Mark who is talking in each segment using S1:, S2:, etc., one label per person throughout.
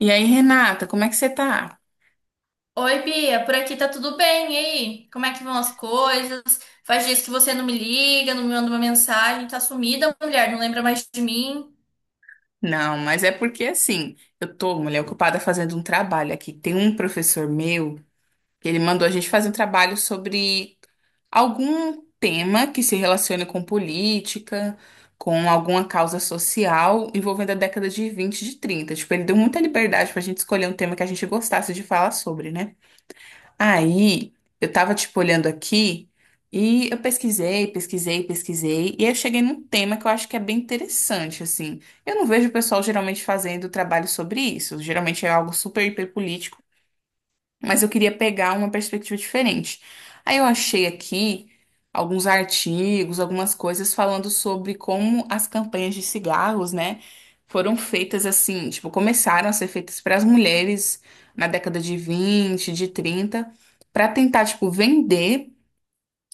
S1: E aí, Renata, como é que você tá?
S2: Oi, Bia, por aqui tá tudo bem, e aí? Como é que vão as coisas? Faz dias que você não me liga, não me manda uma mensagem, tá sumida, mulher, não lembra mais de mim.
S1: Não, mas é porque assim, eu tô, mulher, ocupada fazendo um trabalho aqui. Tem um professor meu que ele mandou a gente fazer um trabalho sobre algum tema que se relacione com política, com alguma causa social envolvendo a década de 20 de 30. Tipo, ele deu muita liberdade pra gente escolher um tema que a gente gostasse de falar sobre, né? Aí eu tava tipo olhando aqui e eu pesquisei, pesquisei, pesquisei, e aí eu cheguei num tema que eu acho que é bem interessante, assim. Eu não vejo o pessoal geralmente fazendo trabalho sobre isso. Geralmente é algo super hiperpolítico, mas eu queria pegar uma perspectiva diferente. Aí eu achei aqui alguns artigos, algumas coisas falando sobre como as campanhas de cigarros, né, foram feitas assim, tipo, começaram a ser feitas para as mulheres na década de 20, de 30, para tentar, tipo, vender.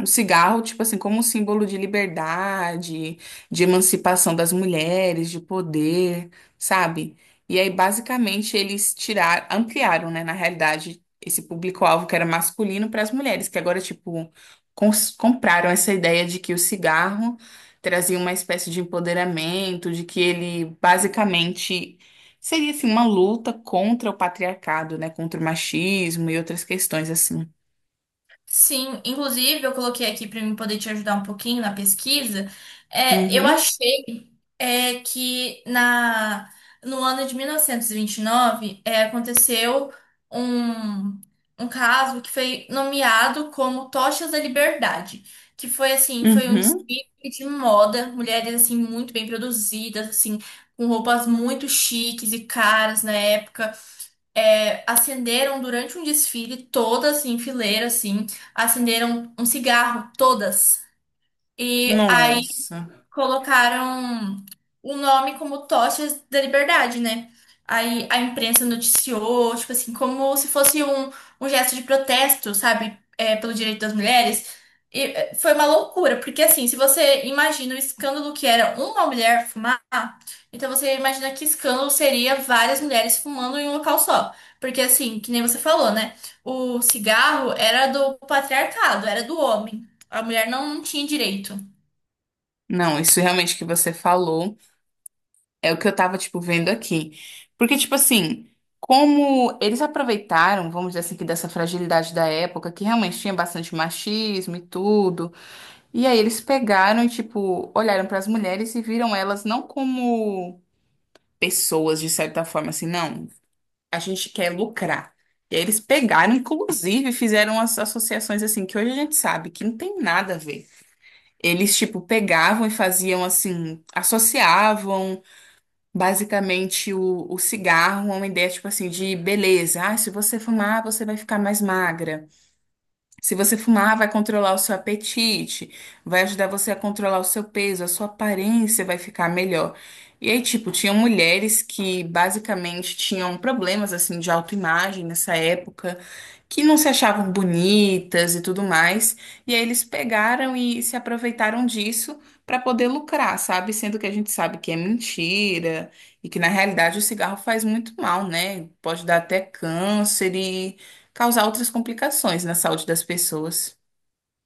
S1: O cigarro, tipo assim, como um símbolo de liberdade, de emancipação das mulheres, de poder, sabe? E aí, basicamente, eles tiraram, ampliaram, né, na realidade, esse público-alvo que era masculino para as mulheres, que agora, tipo, compraram essa ideia de que o cigarro trazia uma espécie de empoderamento, de que ele, basicamente, seria, assim, uma luta contra o patriarcado, né, contra o machismo e outras questões, assim.
S2: Sim, inclusive eu coloquei aqui para mim poder te ajudar um pouquinho na pesquisa. É, eu
S1: Uhum,
S2: achei é, que na, No ano de 1929 aconteceu um, um caso que foi nomeado como Tochas da Liberdade, que foi assim, foi um
S1: uhum.
S2: desfile de moda, mulheres assim muito bem produzidas, assim, com roupas muito chiques e caras na época, acenderam durante um desfile, todas em fileira, assim, acenderam um cigarro, todas. E aí
S1: Nossa.
S2: colocaram o nome como Tochas da Liberdade, né? Aí a imprensa noticiou, tipo assim, como se fosse um gesto de protesto, sabe? É, pelo direito das mulheres. Foi uma loucura, porque assim, se você imagina o escândalo que era uma mulher fumar, então você imagina que escândalo seria várias mulheres fumando em um local só. Porque assim, que nem você falou, né? O cigarro era do patriarcado, era do homem. A mulher não tinha direito.
S1: Não, isso realmente que você falou é o que eu tava, tipo, vendo aqui. Porque, tipo assim, como eles aproveitaram, vamos dizer assim, que dessa fragilidade da época, que realmente tinha bastante machismo e tudo, e aí eles pegaram e, tipo, olharam para as mulheres e viram elas não como pessoas, de certa forma, assim, não, a gente quer lucrar. E aí eles pegaram, inclusive, fizeram as associações assim, que hoje a gente sabe que não tem nada a ver. Eles, tipo, pegavam e faziam assim, associavam basicamente o cigarro a uma ideia, tipo assim, de beleza. Ah, se você fumar, você vai ficar mais magra. Se você fumar, vai controlar o seu apetite, vai ajudar você a controlar o seu peso, a sua aparência vai ficar melhor. E aí, tipo, tinham mulheres que basicamente tinham problemas assim de autoimagem nessa época, que não se achavam bonitas e tudo mais. E aí eles pegaram e se aproveitaram disso para poder lucrar, sabe? Sendo que a gente sabe que é mentira e que na realidade o cigarro faz muito mal, né? Pode dar até câncer e causar outras complicações na saúde das pessoas.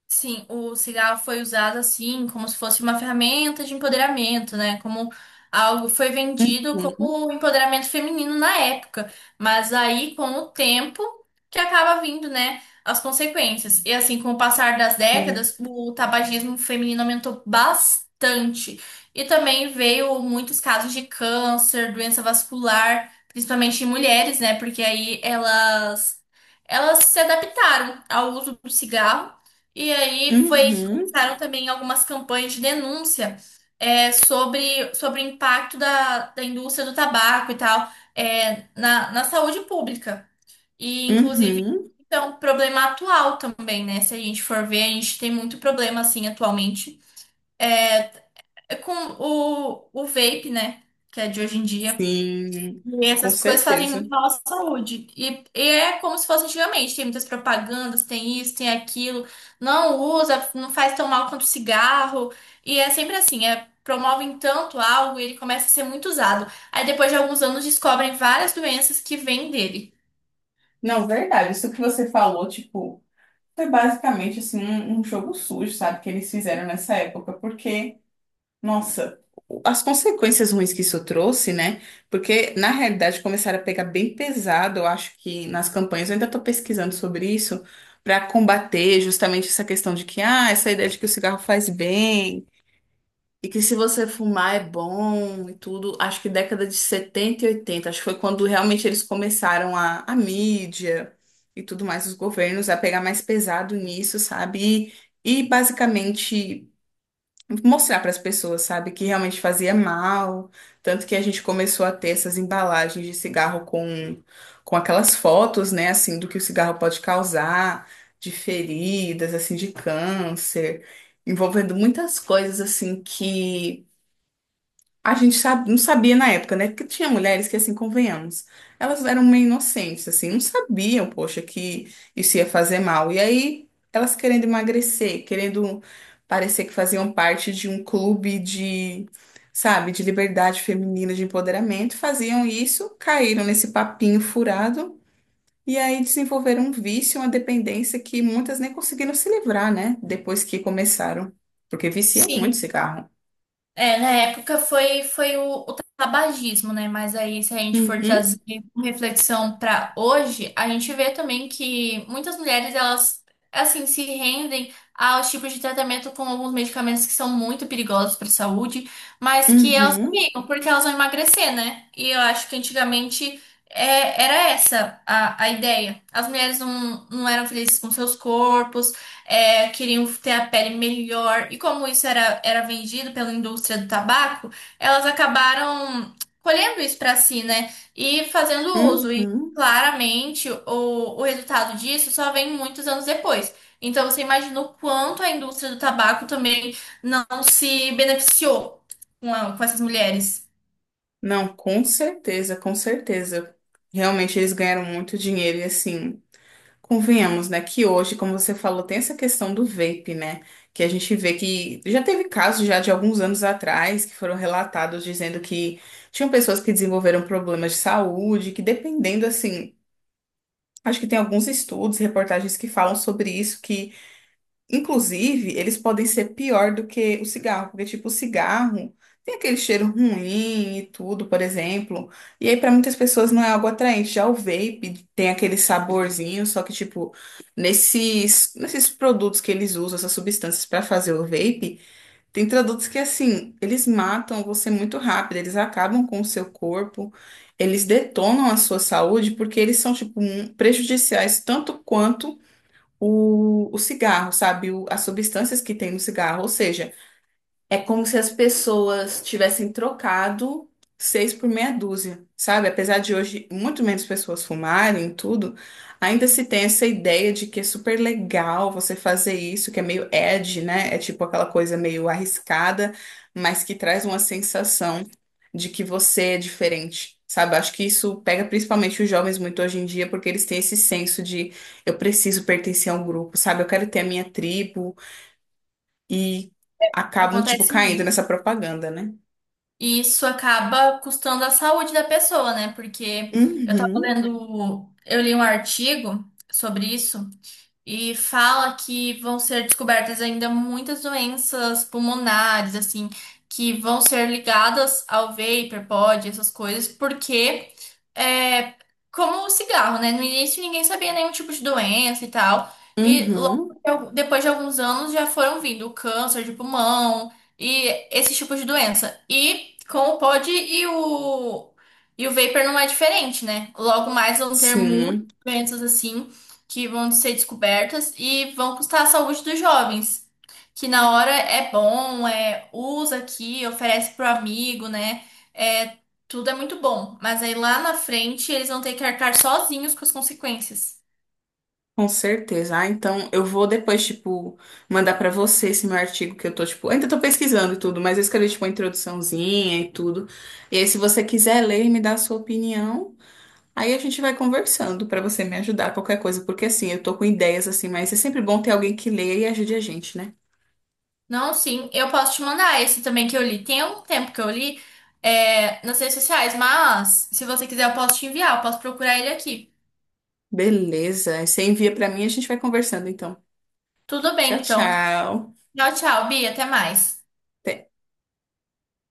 S2: Sim, o cigarro foi usado assim, como se fosse uma ferramenta de empoderamento, né? Como algo foi vendido
S1: Uhum,
S2: como um empoderamento feminino na época. Mas aí, com o tempo, que acaba vindo, né, as consequências. E assim, com o passar das
S1: uhum,
S2: décadas, o tabagismo feminino aumentou bastante. E também veio muitos casos de câncer, doença vascular, principalmente em mulheres, né? Porque elas se adaptaram ao uso do cigarro. E aí foi que
S1: uhum,
S2: começaram também algumas campanhas de denúncia, sobre, sobre o impacto da indústria do tabaco e tal, na saúde pública. E, inclusive,
S1: uhum,
S2: é um problema atual também, né? Se a gente for ver, a gente tem muito problema, assim, atualmente. Eh, É, com o vape, né? Que é de hoje em dia.
S1: sim,
S2: E
S1: com
S2: essas coisas fazem muito
S1: certeza.
S2: mal à saúde. E é como se fosse antigamente. Tem muitas propagandas, tem isso, tem aquilo. Não usa, não faz tão mal quanto cigarro. E é sempre assim, é, promovem tanto algo e ele começa a ser muito usado. Aí depois de alguns anos descobrem várias doenças que vêm dele.
S1: Não, verdade, isso que você falou, tipo, foi basicamente assim um jogo sujo, sabe, que eles fizeram nessa época, porque, nossa, as consequências ruins que isso trouxe, né? Porque na realidade começaram a pegar bem pesado, eu acho que nas campanhas, eu ainda tô pesquisando sobre isso. Para combater justamente essa questão de que, ah, essa ideia de que o cigarro faz bem, e que se você fumar é bom e tudo. Acho que década de 70 e 80 acho que foi quando realmente eles começaram a, mídia e tudo mais, os governos a pegar mais pesado nisso, sabe? E basicamente mostrar para as pessoas, sabe, que realmente fazia mal. Tanto que a gente começou a ter essas embalagens de cigarro com aquelas fotos, né, assim, do que o cigarro pode causar, de feridas, assim, de câncer, envolvendo muitas coisas, assim, que a gente não sabia na época, né? Porque tinha mulheres que, assim, convenhamos, elas eram meio inocentes, assim, não sabiam, poxa, que isso ia fazer mal. E aí, elas querendo emagrecer, querendo parecer que faziam parte de um clube de, sabe, de liberdade feminina, de empoderamento, faziam isso, caíram nesse papinho furado. E aí desenvolveram um vício, uma dependência que muitas nem conseguiram se livrar, né? Depois que começaram. Porque vicia muito
S2: Sim.
S1: cigarro.
S2: É, na época foi o tabagismo, né? Mas aí, se a gente for
S1: Uhum,
S2: trazer uma reflexão para hoje, a gente vê também que muitas mulheres, elas, assim, se rendem aos tipos de tratamento com alguns medicamentos que são muito perigosos para a saúde, mas que elas
S1: uhum.
S2: tomam porque elas vão emagrecer, né? E eu acho que antigamente, era essa a ideia. As mulheres não eram felizes com seus corpos, é, queriam ter a pele melhor. E como isso era, era vendido pela indústria do tabaco, elas acabaram colhendo isso para si, né? E fazendo uso. E
S1: Uhum.
S2: claramente o resultado disso só vem muitos anos depois. Então você imagina o quanto a indústria do tabaco também não se beneficiou com essas mulheres.
S1: Não, com certeza, com certeza. Realmente eles ganharam muito dinheiro e assim, convenhamos, né, que hoje, como você falou, tem essa questão do vape, né, que a gente vê que já teve casos já de alguns anos atrás que foram relatados dizendo que tinham pessoas que desenvolveram problemas de saúde, que dependendo assim, acho que tem alguns estudos, reportagens que falam sobre isso, que inclusive, eles podem ser pior do que o cigarro, porque, tipo, o cigarro tem aquele cheiro ruim e tudo, por exemplo. E aí, para muitas pessoas, não é algo atraente. Já o vape tem aquele saborzinho, só que, tipo, nesses produtos que eles usam, essas substâncias para fazer o vape, tem produtos que, assim, eles matam você muito rápido, eles acabam com o seu corpo. Eles detonam a sua saúde porque eles são, tipo, prejudiciais tanto quanto o cigarro, sabe? As substâncias que tem no cigarro. Ou seja, é como se as pessoas tivessem trocado seis por meia dúzia, sabe? Apesar de hoje muito menos pessoas fumarem e tudo, ainda se tem essa ideia de que é super legal você fazer isso, que é meio edgy, né? É tipo aquela coisa meio arriscada, mas que traz uma sensação de que você é diferente. Sabe, acho que isso pega principalmente os jovens muito hoje em dia, porque eles têm esse senso de eu preciso pertencer a um grupo, sabe? Eu quero ter a minha tribo, e acabam, tipo,
S2: Acontece
S1: caindo
S2: muito.
S1: nessa propaganda, né?
S2: E isso acaba custando a saúde da pessoa, né? Porque eu tava
S1: Uhum,
S2: lendo, eu li um artigo sobre isso, e fala que vão ser descobertas ainda muitas doenças pulmonares, assim, que vão ser ligadas ao vapor, pod, essas coisas, porque é como o cigarro, né? No início ninguém sabia nenhum tipo de doença e tal. E
S1: uhum,
S2: depois de alguns anos já foram vindo o câncer de pulmão e esse tipo de doença. E com o pod e e o vapor não é diferente, né? Logo mais vão ter muitas
S1: sim,
S2: doenças assim que vão ser descobertas e vão custar a saúde dos jovens. Que na hora é bom, é usa aqui, oferece pro amigo, né? É, tudo é muito bom. Mas aí lá na frente eles vão ter que arcar sozinhos com as consequências.
S1: com certeza. Ah, então eu vou depois, tipo, mandar pra você esse meu artigo que eu tô, tipo, ainda tô pesquisando e tudo, mas eu escrevi, tipo, uma introduçãozinha e tudo. E aí, se você quiser ler e me dar a sua opinião, aí a gente vai conversando pra você me ajudar, qualquer coisa, porque assim, eu tô com ideias assim, mas é sempre bom ter alguém que leia e ajude a gente, né?
S2: Não, sim, eu posso te mandar esse também que eu li. Tem algum tempo que eu li, é, nas redes sociais, mas se você quiser eu posso te enviar, eu posso procurar ele aqui.
S1: Beleza, aí você envia pra mim e a gente vai conversando, então.
S2: Tudo
S1: Tchau,
S2: bem, então.
S1: tchau.
S2: Tchau, tchau, Bia, até mais.